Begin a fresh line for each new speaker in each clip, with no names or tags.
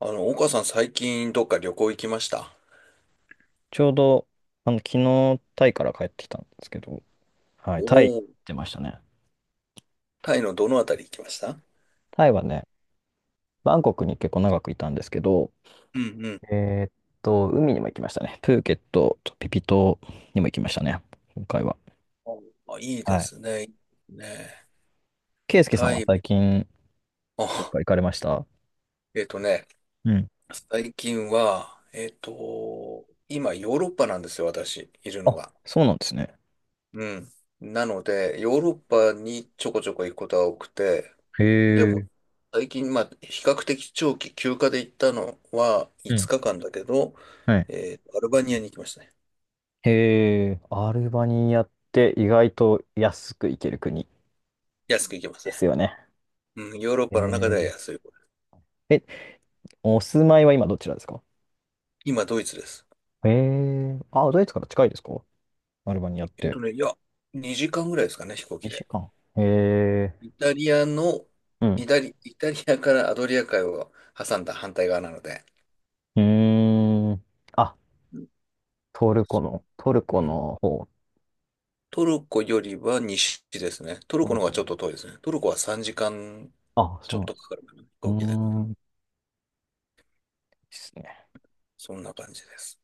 岡さん最近どっか旅行行きました？
ちょうど、昨日、タイから帰ってきたんですけど、はい、タイ行
おおー。
ってましたね。
タイのどのあたり行きました？
タイはね、バンコクに結構長くいたんですけど、
うんうん。
えーっ海にも行きましたね。プーケットとピピ島にも行きましたね、今回は。
あ、いいで
はい。
すね。いいですね。
ケイスケさん
タ
は
イ、
最近、どっ
あ、
か行かれました？
えっとね、
うん。
最近は、今ヨーロッパなんですよ、私、いるの
あ、
が。
そうなんですね。
うん。なので、ヨーロッパにちょこちょこ行くことが多くて、で
へ
も、
え。
最近、まあ、比較的長期休暇で行ったのは
う
5
ん。
日間だけど、
はい。
アルバニアに行きましたね。
へえ、アルバニアって意外と安く行ける国
安く行きます
で
ね。
すよね。
うん、ヨーロッ
へ
パの中では
ー
安い方。
え、お住まいは今どちらですか？
今、ドイツです。
ええー、あ、ドイツから近いですか？アルバニアって。
いや、2時間ぐらいですかね、飛行機
2
で。
時間。ええ
イタリアの、
ー、うん。
イタリアからアドリア海を挟んだ反対側なので、
うーん。あ、
うん。
トルコ
そ
の、トルコ
う。うん。
の方。
トルコよりは西ですね。トル
ト
コ
ル
の方
コ
がち
よ
ょっ
り。
と遠いですね。トルコは3時間
あ、
ち
そ
ょ
う
っ
なんで
と
す。
かかるかな、飛
うー
行機で。
ん。いいっすね。
そんな感じです。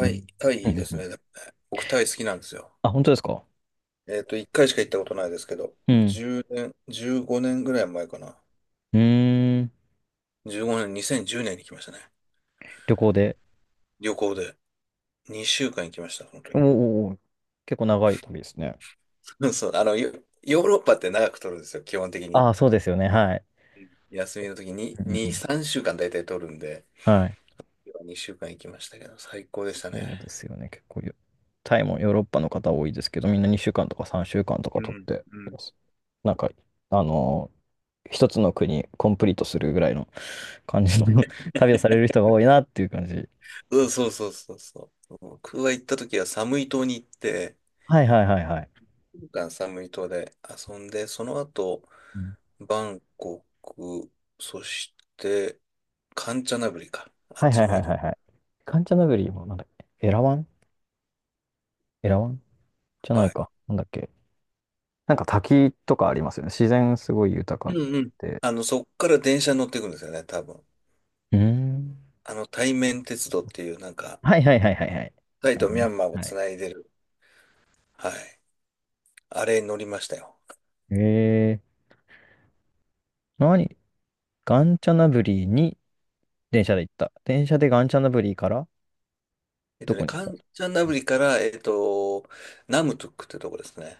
うん。
イ、タ
う
イ
ん
い
う
いで
ん
す
うん。
ね。でもね僕、タイ好きなんですよ。
あ、本当ですか？
1回しか行ったことないですけど、
うん。
1年、15年ぐらい前かな。
うーん。
15年、2010年に来ましたね。
旅行で。
旅行で2週間行きました、その
おー
時は。
おーおー。結構長い旅ですね。
そう、ヨーロッパって長く取るんですよ、基本的に。
ああ、そうですよね。はい。
休みの時に
うんうんう
2、
ん。
3週間大体取るんで、
はい。
2週間行きましたけど、最高でしたね。
そうですよね。結構よ、タイもヨーロッパの方多いですけど、みんな2週間とか3週間とか
う
取っ
ん、
て
うん。
ます、なんか、あのー一つの国コンプリートするぐらいの感じの 旅をされる人が多いなっていう感じ。
うん、そうそうそうそう。僕が行った時は寒い島に行って、
はいはいはいはい。
いっしゅう週寒い島で遊んで、その後、
うん。
バンコク、そして、カンチャナブリか。あ
は
っ
い
ち
はい
の方
はい
行きま
はいは
す。
い。カンチャナブリもなんだっけ、エラワンじゃな
は
い
い。
か。なんだっけ。なんか滝とかありますよね。自然すごい豊
う
か
んうん。
で。
あの、そっから電車に乗っていくんですよね、多分。
うーん。
あの、対面鉄道っていう、なんか、
はいはいはいはいはい。
タイ
あ
と
の
ミャ
ね。
ンマーを
は
つ
い。
ないでる。はい。あれに乗りましたよ。
えー、何ガンチャナブリーに電車で行った？電車でガンチャナブリーからどこに行っ
カ
た？
ンチャンナブリから、ナムトゥックってとこですね。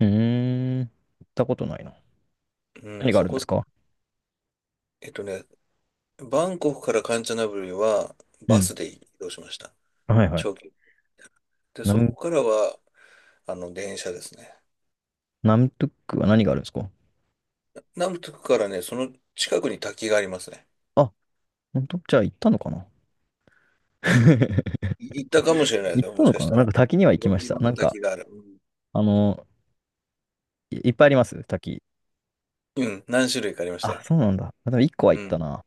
うーん。行ったことないな。
うん、
何があ
そ
るんです
こ、
か？
えっとね、バンコクからカンチャンナブリは
う
バス
ん。
で移動しました。
はいはい。
長距離。で、
ナ
そこ
ム、
からは、あの、電車ですね。
ナムトゥックは何があるんですか？
ナムトゥクからね、その近くに滝がありますね。
あ、本当？じゃあ行ったのかな？
行ったかもしれないです
行っ
よ、
た
もし
の
か
か
し
な。
た
な
ら。
んか滝には
い
行き
ろ、
まし
い
た。
ろん
な
な
んか、
滝がある。
あの、いっぱいあります滝。
うん、うん。何種類かありました
あ、
よ。
そうなんだ。あ、でも1個は
う
行った
ん。
な。1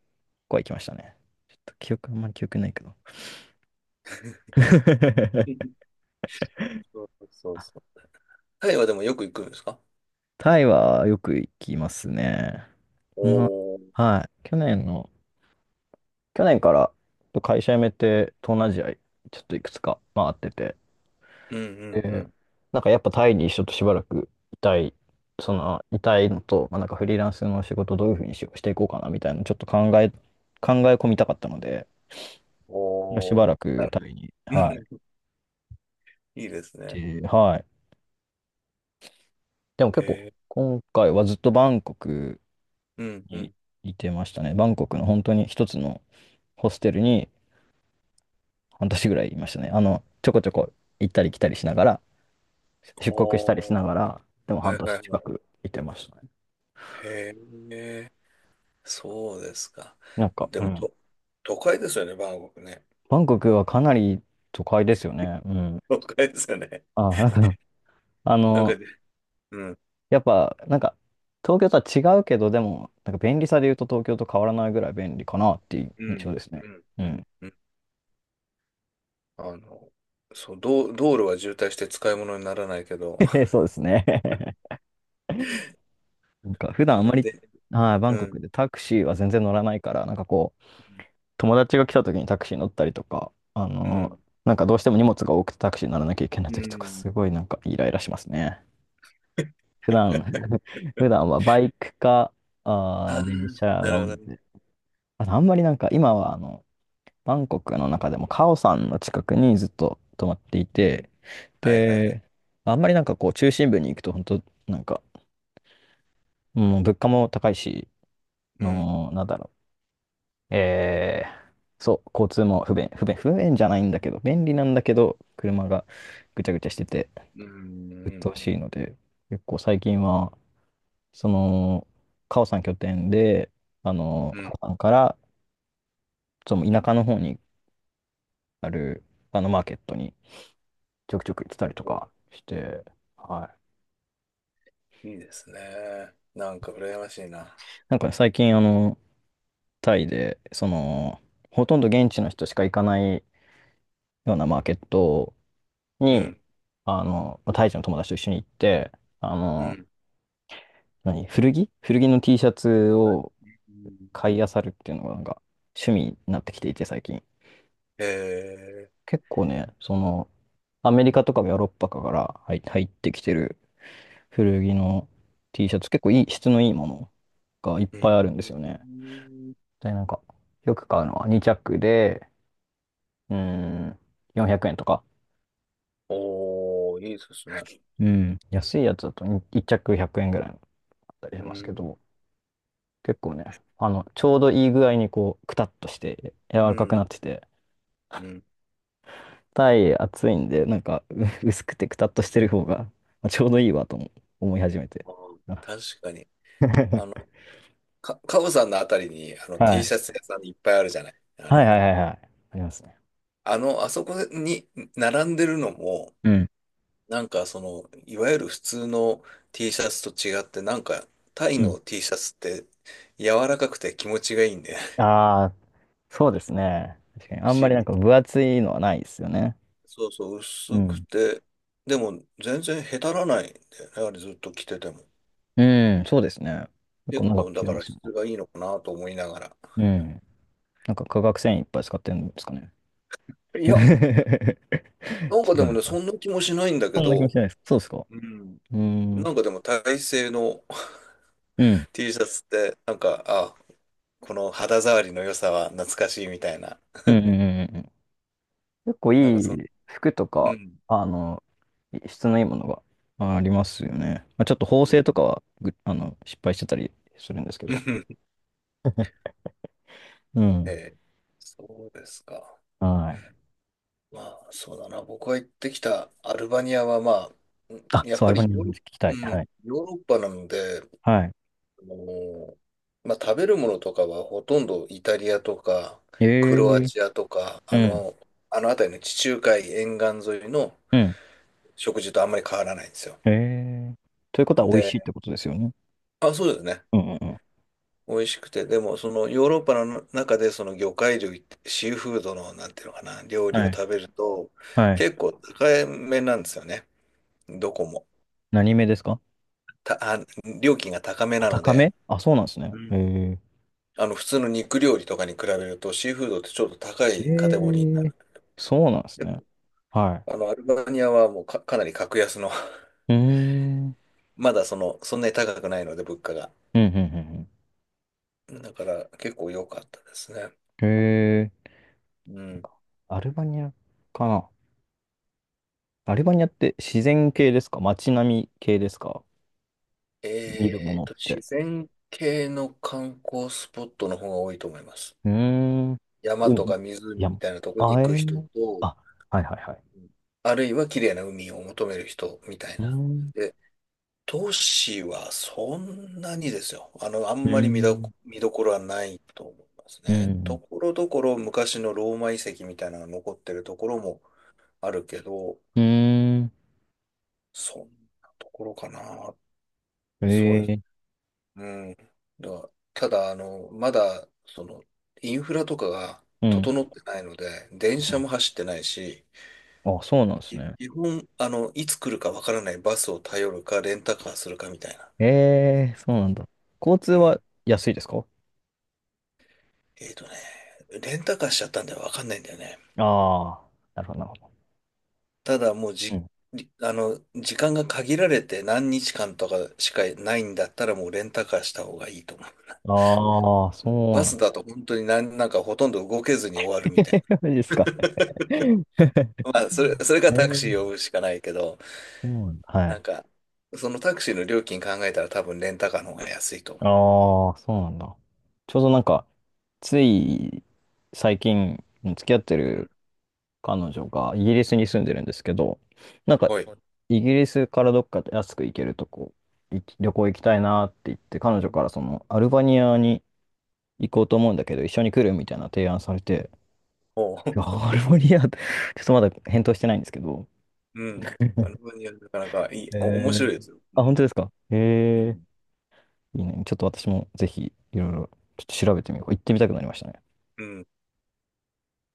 個は行きましたね。ちょっと記憶、あんまり記憶ないけど。
そうそう
あ、
そう。タイはでもよく行くんですか？
タイはよく行きますね。ま
おー、
あ、はい。去年の、去年から会社辞めて東南アジアちょっといくつか回ってて、
うんうんう
で、
ん。
なんかやっぱタイにちょっとしばらくいたい、いたいのと、まあ、なんかフリーランスの仕事どういうふうにしていこうかなみたいなちょっと考え込みたかったので、しば
おー、
らくタイに、
う
は
ん。 いいですね。
い。で、はい。でも結構、
へえ。
今回はずっとバンコク
うんう
に
ん。
いてましたね。バンコクの本当に一つのホステルに、半年ぐらいいましたね。ちょこちょこ行ったり来たりしながら、出国したり
お
し
ー。
ながら、でも
は
半
いは
年
いは
近
い。
くいてましたね。
へえ。そうですか。
なんか、
で
う
も、
ん。
都会ですよね、バンコクね。
バンコクはかなり都会ですよね。うん。
都会ですよね。
あ、なんか、あ
なんか。
の、
うん、
やっぱ、なんか、東京とは違うけど、でも、なんか便利さで言うと東京と変わらないぐらい便利かなっていう
う
印
ん、
象ですね。
うん、
う
うん、
ん。
うん。あの、そう、道路は渋滞して使い物にならないけど、
そうですね。なんか、普 段あ
あ
ん
の、
まり、
で、
はい、バ
う
ンコク
ん、
でタクシーは全然乗らないから、なんかこう、友達が来た時にタクシー乗ったりとか、
うん、
なんかどうしても荷物が多くてタクシーに乗らなきゃいけない
う
時とか、
ん。
すごいなんかイライラしますね。普段、普段はバイクか、
あ。 あ、
電車
な
が
る
多い
ほ
ん
どね。
で。あとあんまりなんか今はバンコクの中でもカオさんの近くにずっと泊まってい
うん。
て、
はいはいはい。
で、あんまりなんかこう中心部に行くと本当なんか、もう物価も高いし、
うん。
の、なんだろう。えそう、交通も不便じゃないんだけど、便利なんだけど、車がぐちゃぐちゃしてて、
うん。
鬱
うん。
陶しいので、結構最近は、その、カオさん拠点で、
う
カ
ん。
オさんから、その田舎の方にある、マーケットにちょくちょく行ってたりとかして、は
いいですね。なんか羨ましい
い。
な。
なんかね最近、タイで、ほとんど現地の人しか行かないようなマーケット
う
に、
ん。
タイ人の友達と一緒に行って、あ
う
の、
ん。
何古着古着の T シャツ
はい。
を
う
買い
ん。
漁るっていうのがなんか趣味になってきていて最近。
へ。
結構ね、そのアメリカとかヨーロッパから入ってきてる古着の T シャツ結構いい質のいいものがいっ
う
ぱいあるんですよね。
ん。
で、なんかよく買うのは2着で、うーん、400円とか。
おー。いいですね。
うん。安いやつだと1着100円ぐらいだったりし
う
ますけ
ん。
ど、結構ね、ちょうどいい具合にこう、くたっとして柔
う
らかくなっ
ん。
てて、
うん。
暑いんで、なんか、薄くてくたっとしてる方が、まあ、ちょうどいいわとも思い始めて。
あー。
あ
確かに。あの、カオさんのあたりに、あの、
は
T
い。
シャツ屋さんいっぱいあるじゃない。あ
はいは
の、
いはいはい。ありますね。
あそこに並んでるのも、
うん。
なんかその、いわゆる普通の T シャツと違って、なんかタイ
うん。
の T シャツって柔らかくて気持ちがいいんで、
ああー、そうですね。確かに。
不
あん
思
まりなん
議
か分
と。
厚いのはないですよね。
そうそう、
う
薄く
ん。
て、でも全然へたらないんだよね、あれずっと着てても。
うん、そうですね。結構
結
長く
構
切
だ
れ
か
ま
ら
すよね。
質がいいのかなと思いながら。
うん。なんか化学繊維いっぱい使ってるんですかね。
いや、
違
なんかで
うの
もね、
かな。
そんな気もしないんだ
そ
け
んな気もし
ど、
ないです。そうですか。う
うん。
ーん。
なんかでも体製の
うん。
T シャツって、なんか、あ、この肌触りの良さは懐かしいみたいな。
うんうんうんうんうん。結構い
なんかそ、
い服と
う
か、
ん。
あの、質のいいものがまあありますよね。まあ、ちょっと
う
縫製
ん。
とかはぐ、あの、失敗してたりするんですけ
う
ど。
ん。
う
え
ん。
え、そうですか。
はい。
まあ、そうだな。僕が行ってきたアルバニアは、まあ、うん、
あ、
やっ
そう、ア
ぱ
ル
り
バニアの話聞きたい。はい。
ヨーロッパなので、
はい。
あのーまあ、食べるものとかはほとんどイタリアとか、
え
ク
え
ロア
ー。
チアとか、
うん。
あの辺りの地中海沿岸沿いの
うん。
食事とあんまり変わらないんですよ。
ええー、ということは美味しいっ
で、
てことですよね。
あ、そうですね。
うんうんうん。
美味しくて、でもそのヨーロッパの中でその魚介類シーフードのなんていうのかな、料理を
はい。
食べると
はい。
結構高めなんですよね。どこも。
何目ですか？
た、あ、料金が高め
あ、
なの
高
で、
め。あ、そうなんですね。
う
え
ん。
え
あの普通の肉料理とかに比べるとシーフードってちょっと高
ー。え
いカテゴリーにな
えー。
る。
そうなんです
で
ね。
も
は
あのアルバニアはもうかなり格安の。
い。うーん。うん
まだその、そんなに高くないので物価が。
うんうん
だから結構良かったですね。
うん。へえ。
う
なん
ん。
かアルバニアかな。アルバニアって自然系ですか？街並み系ですか？見るものって。
自然系の観光スポットの方が多いと思います。
うーん。
山
うん。
とか
い
湖
や、
みたいなとこに
あ
行
え
く人
ー、
と、
あ、はいはいはい。
うん、あるいは綺麗な海を求める人みたい
うー
な。
ん。
で、都市はそんなにですよ。あの、あ
う
んま
ー
り
ん。
見どころはないと思います
う
ね。
ん。
ところどころ昔のローマ遺跡みたいなのが残ってるところもあるけど、
うーん。
そんなところかな。
え
そうですね。
ー。
うん。だからただ、あの、まだ、その、インフラとかが
うん。
整ってないので、電
う
車
ん。
も走ってないし、
あ、そうなんです
き
ね。
基本、あの、いつ来るかわからないバスを頼るか、レンタカーするかみたいな。
えー、そうなんだ。交通
う
は
ん。
安いですか？
えっとね、レンタカーしちゃったんでわかんないんだよね。
ああー、なるほど、なるほど。
ただ、もう
う
じ、
ん。
りあの、時間が限られて何日間とかしかないんだったら、もうレンタカーした方がいいと思うな。
ああ、
あの
そ
バ
うなん
ス
だ。
だと本当になんかほとんど動けずに終わるみたいな。
マジですか。え
まあ、それかタクシー
ー、
呼ぶしかないけど、
そうなんだ。は
な
い。
んか、そのタクシーの料金考えたら多分レンタカーの方が安いと思
ああ、そうなんだ。ちょうどなんか、つい最近付き合って
う。う
る
ん。
彼女がイギリスに住んでるんですけど、なんか
はい。
イギリスからどっか安く行けるとこ、旅行行きたいなって言って、
う
彼女
ん。
からそのアルバニアに行こうと思うんだけど、一緒に来るみたいな提案されて、
おう。
いや、ア ルバニアって ちょっとまだ返答してないんですけど、
うん。あの、なかなかいい、面
え
白いで
ー、
すよ。う
あ、本当
ん。
ですか？へ
う
え
ん。
ー、いいね。ちょっと私もぜひいろいろちょっと調べてみよう。行ってみたくなりましたね。
うん。